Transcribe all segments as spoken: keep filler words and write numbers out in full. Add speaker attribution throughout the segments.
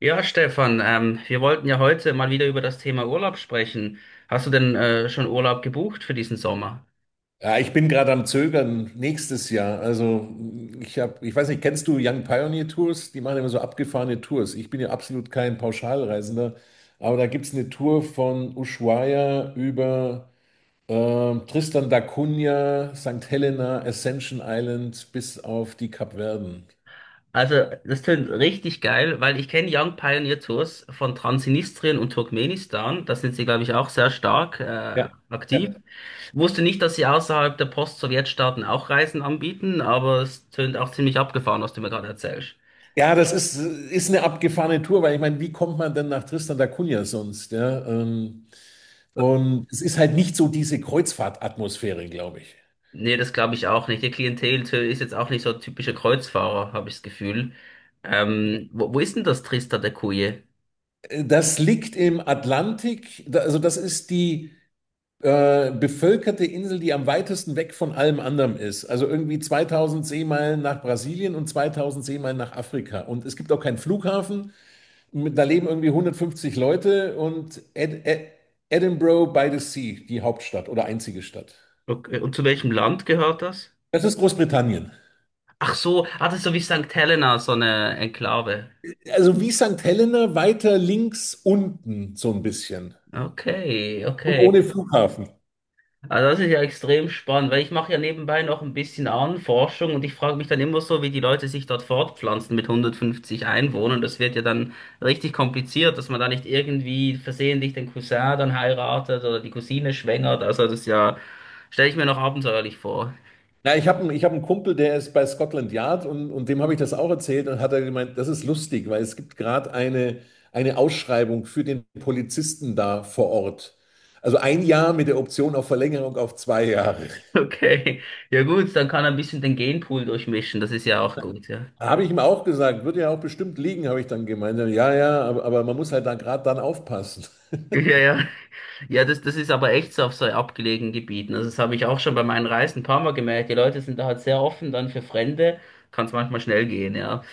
Speaker 1: Ja, Stefan, ähm, wir wollten ja heute mal wieder über das Thema Urlaub sprechen. Hast du denn äh, schon Urlaub gebucht für diesen Sommer?
Speaker 2: Ja, ich bin gerade am Zögern nächstes Jahr. Also ich habe, ich weiß nicht, kennst du Young Pioneer Tours? Die machen immer so abgefahrene Tours. Ich bin ja absolut kein Pauschalreisender, aber da gibt es eine Tour von Ushuaia über ähm, Tristan da Cunha, St. Helena, Ascension Island bis auf die Kapverden.
Speaker 1: Also, das tönt richtig geil, weil ich kenne Young Pioneer Tours von Transnistrien und Turkmenistan. Da sind sie, glaube ich, auch sehr stark äh,
Speaker 2: Ja,
Speaker 1: aktiv.
Speaker 2: ja.
Speaker 1: Wusste nicht, dass sie außerhalb der Post-Sowjetstaaten auch Reisen anbieten, aber es tönt auch ziemlich abgefahren, was du mir gerade erzählst.
Speaker 2: Ja, das ist, ist eine abgefahrene Tour, weil ich meine, wie kommt man denn nach Tristan da Cunha sonst? Ja, ähm, und es ist halt nicht so diese Kreuzfahrtatmosphäre, glaube ich.
Speaker 1: Nee, das glaube ich auch nicht. Die Klientel ist jetzt auch nicht so typische Kreuzfahrer, habe ich das Gefühl. Ähm, wo, wo ist denn das Trista da Cunha?
Speaker 2: Das liegt im Atlantik, Da- also das ist die äh, bevölkerte Insel, die am weitesten weg von allem anderem ist. Also irgendwie zweitausend Seemeilen nach Brasilien und zweitausend Seemeilen nach Afrika. Und es gibt auch keinen Flughafen. Mit- Da leben irgendwie hundertfünfzig Leute und Ed Ed Edinburgh by the Sea, die Hauptstadt oder einzige Stadt.
Speaker 1: Okay. äh, Und zu welchem Land gehört das?
Speaker 2: Das ist Großbritannien.
Speaker 1: Ach so, ah, das ist so wie Sankt Helena, so eine Enklave.
Speaker 2: Also wie St. Helena weiter links unten so ein bisschen
Speaker 1: Okay,
Speaker 2: und
Speaker 1: okay.
Speaker 2: ohne Flughafen.
Speaker 1: Also das ist ja extrem spannend, weil ich mache ja nebenbei noch ein bisschen Ahnenforschung, und ich frage mich dann immer so, wie die Leute sich dort fortpflanzen mit hundertfünfzig Einwohnern. Das wird ja dann richtig kompliziert, dass man da nicht irgendwie versehentlich den Cousin dann heiratet oder die Cousine schwängert. Also das ist ja, stelle ich mir noch abenteuerlich vor.
Speaker 2: Na, ich habe einen, ich hab einen Kumpel, der ist bei Scotland Yard, und, und dem habe ich das auch erzählt und hat er gemeint, das ist lustig, weil es gibt gerade eine, eine Ausschreibung für den Polizisten da vor Ort. Also ein Jahr mit der Option auf Verlängerung auf zwei Jahre.
Speaker 1: Okay, ja gut, dann kann er ein bisschen den Genpool durchmischen. Das ist ja auch gut, ja.
Speaker 2: Da Habe ich ihm auch gesagt, wird ja auch bestimmt liegen, habe ich dann gemeint. Ja, ja, ja, aber, aber man muss halt da gerade dann aufpassen.
Speaker 1: Ja, ja. Ja, das, das ist aber echt so auf so abgelegenen Gebieten. Also das habe ich auch schon bei meinen Reisen ein paar Mal gemerkt. Die Leute sind da halt sehr offen dann für Fremde. Kann es manchmal schnell gehen, ja.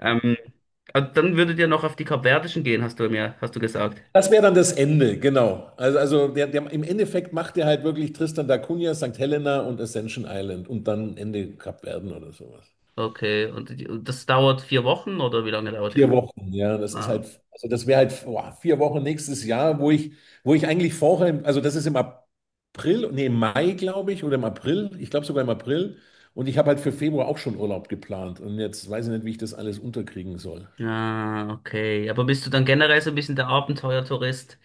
Speaker 1: Ähm, also dann würdet ihr noch auf die Kapverdischen gehen, hast du mir, hast du gesagt.
Speaker 2: Das wäre dann das Ende, genau. Also, also der, der, im Endeffekt macht er halt wirklich Tristan da Cunha, St. Helena und Ascension Island und dann Ende Kapverden oder sowas.
Speaker 1: Okay, und, die- und das dauert vier Wochen oder wie lange dauert die
Speaker 2: Vier
Speaker 1: Reise?
Speaker 2: Wochen, ja, das ist
Speaker 1: Ah.
Speaker 2: halt, also das wäre halt boah, vier Wochen nächstes Jahr, wo ich, wo ich eigentlich vorher, also das ist im April, nee, im Mai, glaube ich, oder im April, ich glaube sogar im April. Und ich habe halt für Februar auch schon Urlaub geplant. Und jetzt weiß ich nicht, wie ich das alles unterkriegen soll.
Speaker 1: Ah, okay. Aber bist du dann generell so ein bisschen der Abenteuertourist?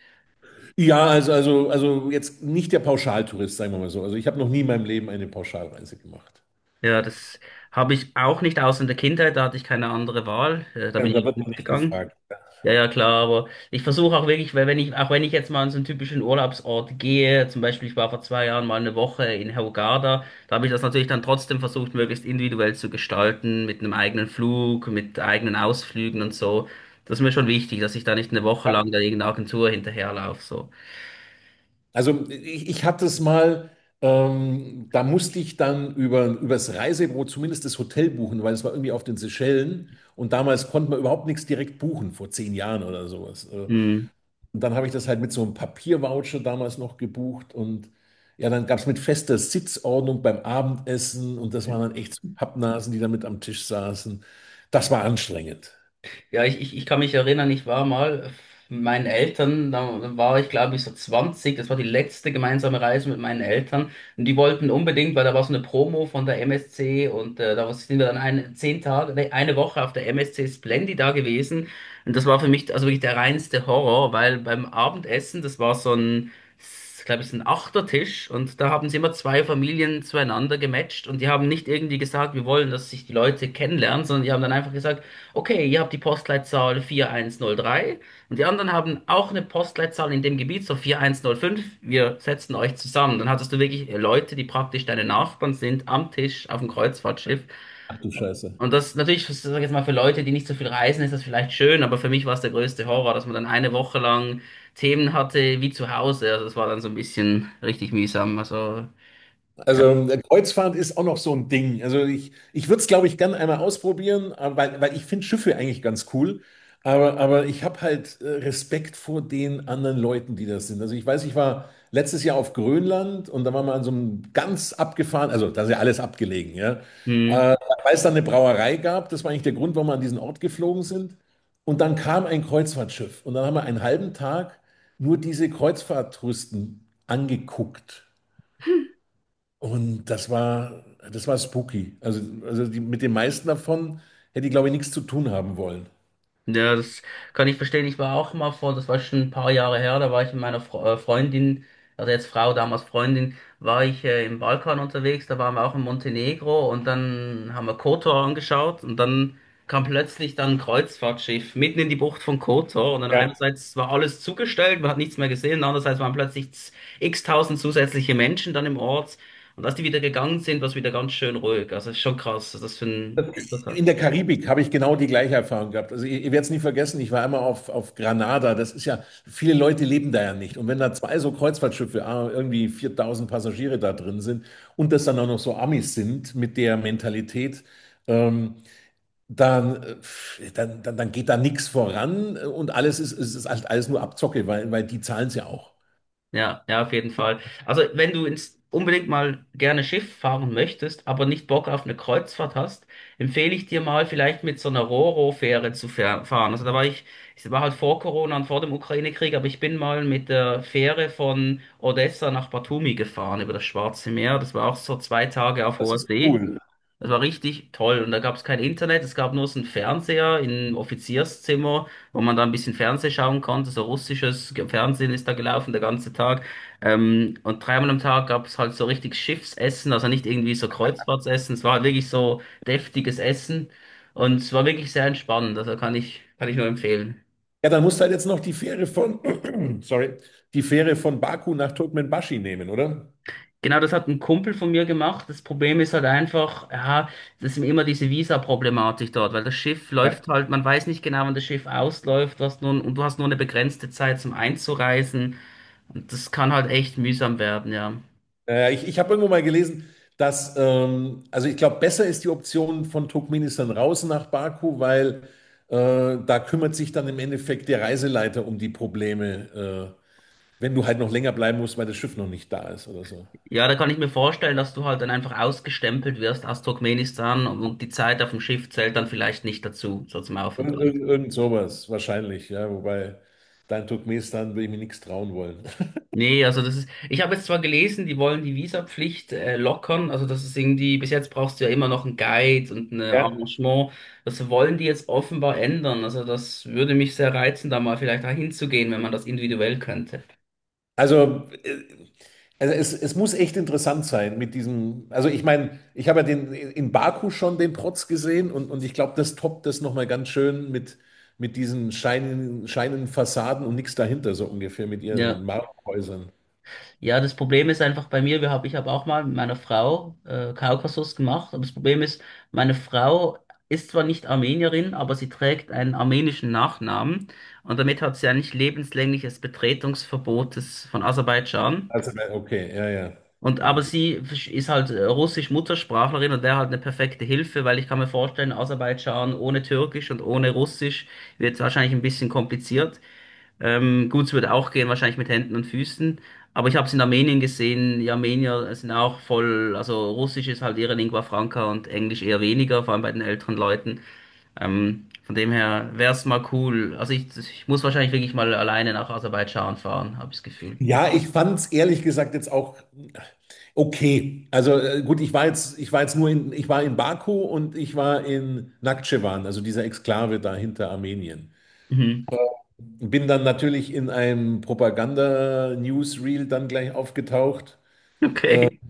Speaker 2: Ja, also, also, also jetzt nicht der Pauschaltourist, sagen wir mal so. Also ich habe noch nie in meinem Leben eine Pauschalreise gemacht.
Speaker 1: Ja, das habe ich auch nicht, außer in der Kindheit, da hatte ich keine andere Wahl. Äh, Da
Speaker 2: Ja, und
Speaker 1: bin
Speaker 2: da
Speaker 1: ich
Speaker 2: wird man nicht
Speaker 1: mitgegangen.
Speaker 2: gefragt.
Speaker 1: Ja, ja, klar, aber ich versuche auch wirklich, weil wenn ich, auch wenn ich jetzt mal an so einen typischen Urlaubsort gehe, zum Beispiel ich war vor zwei Jahren mal eine Woche in Hurghada, da habe ich das natürlich dann trotzdem versucht, möglichst individuell zu gestalten, mit einem eigenen Flug, mit eigenen Ausflügen und so. Das ist mir schon wichtig, dass ich da nicht eine Woche
Speaker 2: Ja.
Speaker 1: lang da irgendeiner Agentur hinterherlaufe, so.
Speaker 2: Also ich, ich hatte es mal, ähm, da musste ich dann über, übers Reisebüro zumindest das Hotel buchen, weil es war irgendwie auf den Seychellen und damals konnte man überhaupt nichts direkt buchen, vor zehn Jahren oder sowas. Äh,
Speaker 1: Mhm.
Speaker 2: Und dann habe ich das halt mit so einem Papiervoucher damals noch gebucht und ja, dann gab es mit fester Sitzordnung beim Abendessen und das waren dann echt so Pappnasen, die da mit am Tisch saßen. Das war anstrengend.
Speaker 1: Ja, ich, ich, ich kann mich erinnern, ich war mal mit meinen Eltern, da war ich, glaube ich, so zwanzig. Das war die letzte gemeinsame Reise mit meinen Eltern, und die wollten unbedingt, weil da war so eine Promo von der M S C, und äh, da sind wir dann eine, zehn Tage, nee, eine Woche auf der M S C Splendid da gewesen, und das war für mich also wirklich der reinste Horror, weil beim Abendessen, das war so ein, glaube ich, so ein Achtertisch, und da haben sie immer zwei Familien zueinander gematcht, und die haben nicht irgendwie gesagt, wir wollen, dass sich die Leute kennenlernen, sondern die haben dann einfach gesagt, okay, ihr habt die Postleitzahl vier eins null drei, und die anderen haben auch eine Postleitzahl in dem Gebiet, so vier eins null fünf. Wir setzen euch zusammen. Dann hattest du wirklich äh, Leute, die praktisch deine Nachbarn sind, am Tisch, auf dem Kreuzfahrtschiff.
Speaker 2: Ach du Scheiße.
Speaker 1: Und das natürlich, sag ich jetzt mal, für Leute, die nicht so viel reisen, ist das vielleicht schön, aber für mich war es der größte Horror, dass man dann eine Woche lang Themen hatte wie zu Hause. Also das war dann so ein bisschen richtig mühsam. Also,
Speaker 2: Also äh, Kreuzfahrt ist auch noch so ein Ding. Also ich, ich würde es, glaube ich, gern einmal ausprobieren, äh, weil, weil ich finde Schiffe eigentlich ganz cool. Aber, aber ich habe halt äh, Respekt vor den anderen Leuten, die das sind. Also ich weiß, ich war letztes Jahr auf Grönland und da waren wir an so einem ganz abgefahren, also da ist ja alles abgelegen, ja.
Speaker 1: ja.
Speaker 2: Weil es dann eine Brauerei gab, das war eigentlich der Grund, warum wir an diesen Ort geflogen sind. Und dann kam ein Kreuzfahrtschiff und dann haben wir einen halben Tag nur diese Kreuzfahrttouristen angeguckt. Und das war, das war spooky. Also, also die, mit den meisten davon hätte ich, glaube ich, nichts zu tun haben wollen.
Speaker 1: Ja, das kann ich verstehen. Ich war auch mal vor, das war schon ein paar Jahre her, da war ich mit meiner Fre äh, Freundin, also jetzt Frau, damals Freundin, war ich äh, im Balkan unterwegs, da waren wir auch in Montenegro, und dann haben wir Kotor angeschaut, und dann kam plötzlich dann ein Kreuzfahrtschiff mitten in die Bucht von Kotor, und dann
Speaker 2: Ja.
Speaker 1: einerseits war alles zugestellt, man hat nichts mehr gesehen, andererseits waren plötzlich z- x-tausend zusätzliche Menschen dann im Ort, und als die wieder gegangen sind, war es wieder ganz schön ruhig. Also ist schon krass, was das für ein Einfluss.
Speaker 2: In der Karibik habe ich genau die gleiche Erfahrung gehabt. Also ihr, ihr werdet es nie vergessen, ich war einmal auf, auf Granada. Das ist ja, viele Leute leben da ja nicht. Und wenn da zwei so Kreuzfahrtschiffe, ah, irgendwie viertausend Passagiere da drin sind und das dann auch noch so Amis sind mit der Mentalität, ähm, dann, äh, dann, dann, dann geht da nichts voran, äh, und alles ist, ist, ist halt alles nur Abzocke, weil, weil die zahlen es ja auch.
Speaker 1: Ja, ja, auf jeden Fall. Also, wenn du ins, unbedingt mal gerne Schiff fahren möchtest, aber nicht Bock auf eine Kreuzfahrt hast, empfehle ich dir mal vielleicht mit so einer Ro-Ro-Fähre zu fähr- fahren. Also, da war ich, ich war halt vor Corona und vor dem Ukraine-Krieg, aber ich bin mal mit der Fähre von Odessa nach Batumi gefahren über das Schwarze Meer. Das war auch so zwei Tage auf
Speaker 2: Das
Speaker 1: hoher
Speaker 2: ist
Speaker 1: See.
Speaker 2: cool.
Speaker 1: Das war richtig toll. Und da gab es kein Internet, es gab nur so einen Fernseher im Offizierszimmer, wo man da ein bisschen Fernsehen schauen konnte. So russisches Ge- Fernsehen ist da gelaufen, der ganze Tag. Ähm, und dreimal am Tag gab es halt so richtig Schiffsessen, also nicht irgendwie so Kreuzfahrtsessen. Es war halt wirklich so deftiges Essen. Und es war wirklich sehr entspannend. Also kann ich, kann ich nur empfehlen.
Speaker 2: Ja, dann musst du halt jetzt noch die Fähre von, sorry, die Fähre von Baku nach Turkmenbashi nehmen, oder?
Speaker 1: Genau, das hat ein Kumpel von mir gemacht. Das Problem ist halt einfach, ja, das ist immer diese Visa-Problematik dort, weil das Schiff läuft halt, man weiß nicht genau, wann das Schiff ausläuft, was nun, und du hast nur eine begrenzte Zeit zum Einzureisen. Und das kann halt echt mühsam werden, ja.
Speaker 2: Naja, ich, ich habe irgendwo mal gelesen, dass, ähm, also ich glaube, besser ist die Option von Turkmenistan raus nach Baku, weil äh, da kümmert sich dann im Endeffekt der Reiseleiter um die Probleme, äh, wenn du halt noch länger bleiben musst, weil das Schiff noch nicht da ist oder so.
Speaker 1: Ja, da kann ich mir vorstellen, dass du halt dann einfach ausgestempelt wirst aus Turkmenistan und die Zeit auf dem Schiff zählt dann vielleicht nicht dazu, so zum
Speaker 2: Irgend,
Speaker 1: Aufenthalt.
Speaker 2: irgend, irgend sowas, wahrscheinlich, ja. Wobei, da in Turkmenistan würde ich mir nichts trauen wollen.
Speaker 1: Nee, also das ist, ich habe jetzt zwar gelesen, die wollen die Visapflicht äh, lockern, also das ist irgendwie, bis jetzt brauchst du ja immer noch einen Guide und ein
Speaker 2: Ja.
Speaker 1: Arrangement, das wollen die jetzt offenbar ändern, also das würde mich sehr reizen, da mal vielleicht hinzugehen, wenn man das individuell könnte.
Speaker 2: Also, äh, also es, es muss echt interessant sein mit diesem. Also, ich meine, ich habe ja den, in Baku schon den Protz gesehen und, und ich glaube, das toppt das nochmal ganz schön mit, mit diesen scheinen, scheinen Fassaden und nichts dahinter, so ungefähr mit ihren
Speaker 1: Ja,
Speaker 2: Marmorhäusern.
Speaker 1: ja, das Problem ist einfach bei mir, wir hab, ich habe auch mal mit meiner Frau äh, Kaukasus gemacht, aber das Problem ist, meine Frau ist zwar nicht Armenierin, aber sie trägt einen armenischen Nachnamen, und damit hat sie eigentlich lebenslängliches Betretungsverbot des, von Aserbaidschan.
Speaker 2: Also, äh, okay, ja, ja.
Speaker 1: Und aber sie ist halt äh, russisch Muttersprachlerin und wäre halt eine perfekte Hilfe, weil ich kann mir vorstellen, Aserbaidschan ohne Türkisch und ohne Russisch wird wahrscheinlich ein bisschen kompliziert. Ähm, gut, es würde auch gehen, wahrscheinlich mit Händen und Füßen. Aber ich habe es in Armenien gesehen, die Armenier sind auch voll, also Russisch ist halt ihre Lingua franca und Englisch eher weniger, vor allem bei den älteren Leuten. Ähm, von dem her wäre es mal cool. Also ich, ich muss wahrscheinlich wirklich mal alleine nach Aserbaidschan fahren, habe ich das Gefühl.
Speaker 2: Ja, ich fand es ehrlich gesagt jetzt auch okay. Also äh, gut, ich war jetzt, ich war jetzt nur in, ich war in Baku und ich war in Nakhitschewan, also dieser Exklave da hinter Armenien.
Speaker 1: Mhm.
Speaker 2: Bin dann natürlich in einem Propaganda-Newsreel dann gleich aufgetaucht.
Speaker 1: Okay.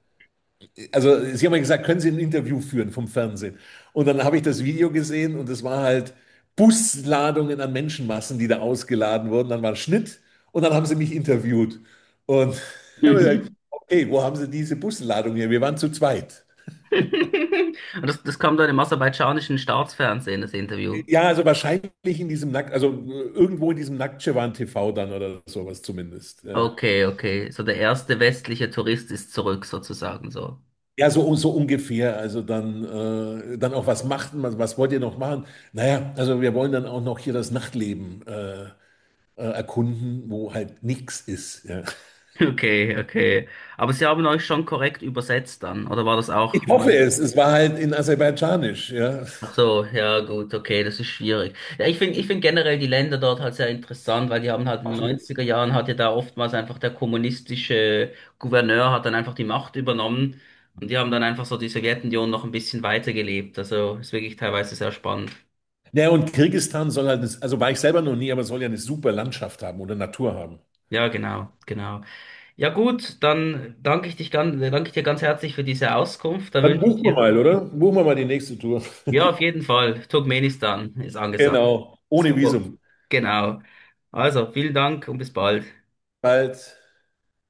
Speaker 2: Also sie haben mir gesagt, können Sie ein Interview führen vom Fernsehen? Und dann habe ich das Video gesehen und es war halt Busladungen an Menschenmassen, die da ausgeladen wurden. Dann war ein Schnitt und dann haben sie mich interviewt. Und habe gesagt, okay, wo haben Sie diese Busladung her? Wir waren zu zweit.
Speaker 1: Und das, das kam dann im aserbaidschanischen Staatsfernsehen, das Interview.
Speaker 2: Ja, also wahrscheinlich in diesem Nackt, also äh, irgendwo in diesem Nacktschwan T V dann oder sowas zumindest. Äh,
Speaker 1: Okay, okay. So, der erste westliche Tourist ist zurück, sozusagen so.
Speaker 2: Ja, so, so ungefähr. Also dann, äh, dann auch, was macht man, was wollt ihr noch machen? Naja, also wir wollen dann auch noch hier das Nachtleben äh, äh, erkunden, wo halt nichts ist. Ja.
Speaker 1: Okay, okay. Aber Sie haben euch schon korrekt übersetzt dann, oder war das auch?
Speaker 2: Ich hoffe
Speaker 1: Man-
Speaker 2: es. Es war halt in Aserbaidschanisch. Ja.
Speaker 1: Ach so, ja gut, okay, das ist schwierig. Ja, ich finde, ich finde generell die Länder dort halt sehr interessant, weil die haben halt in den
Speaker 2: Absolut.
Speaker 1: neunziger Jahren hat ja da oftmals einfach der kommunistische Gouverneur hat dann einfach die Macht übernommen, und die haben dann einfach so die Sowjetunion noch ein bisschen weitergelebt. Also ist wirklich teilweise sehr spannend.
Speaker 2: Ja, und Kirgisistan soll halt, eine- also war ich selber noch nie, aber soll ja eine super Landschaft haben oder Natur haben.
Speaker 1: Ja, genau, genau. Ja, gut, dann danke ich dich ganz, danke ich dir ganz herzlich für diese Auskunft. Da
Speaker 2: Dann
Speaker 1: wünsche ich
Speaker 2: buchen wir
Speaker 1: dir,
Speaker 2: mal, oder? Buchen wir mal die nächste Tour.
Speaker 1: ja, auf jeden Fall, Turkmenistan ist angesagt.
Speaker 2: Genau, ohne
Speaker 1: Super.
Speaker 2: Visum.
Speaker 1: Genau. Also, vielen Dank und bis bald.
Speaker 2: Bald.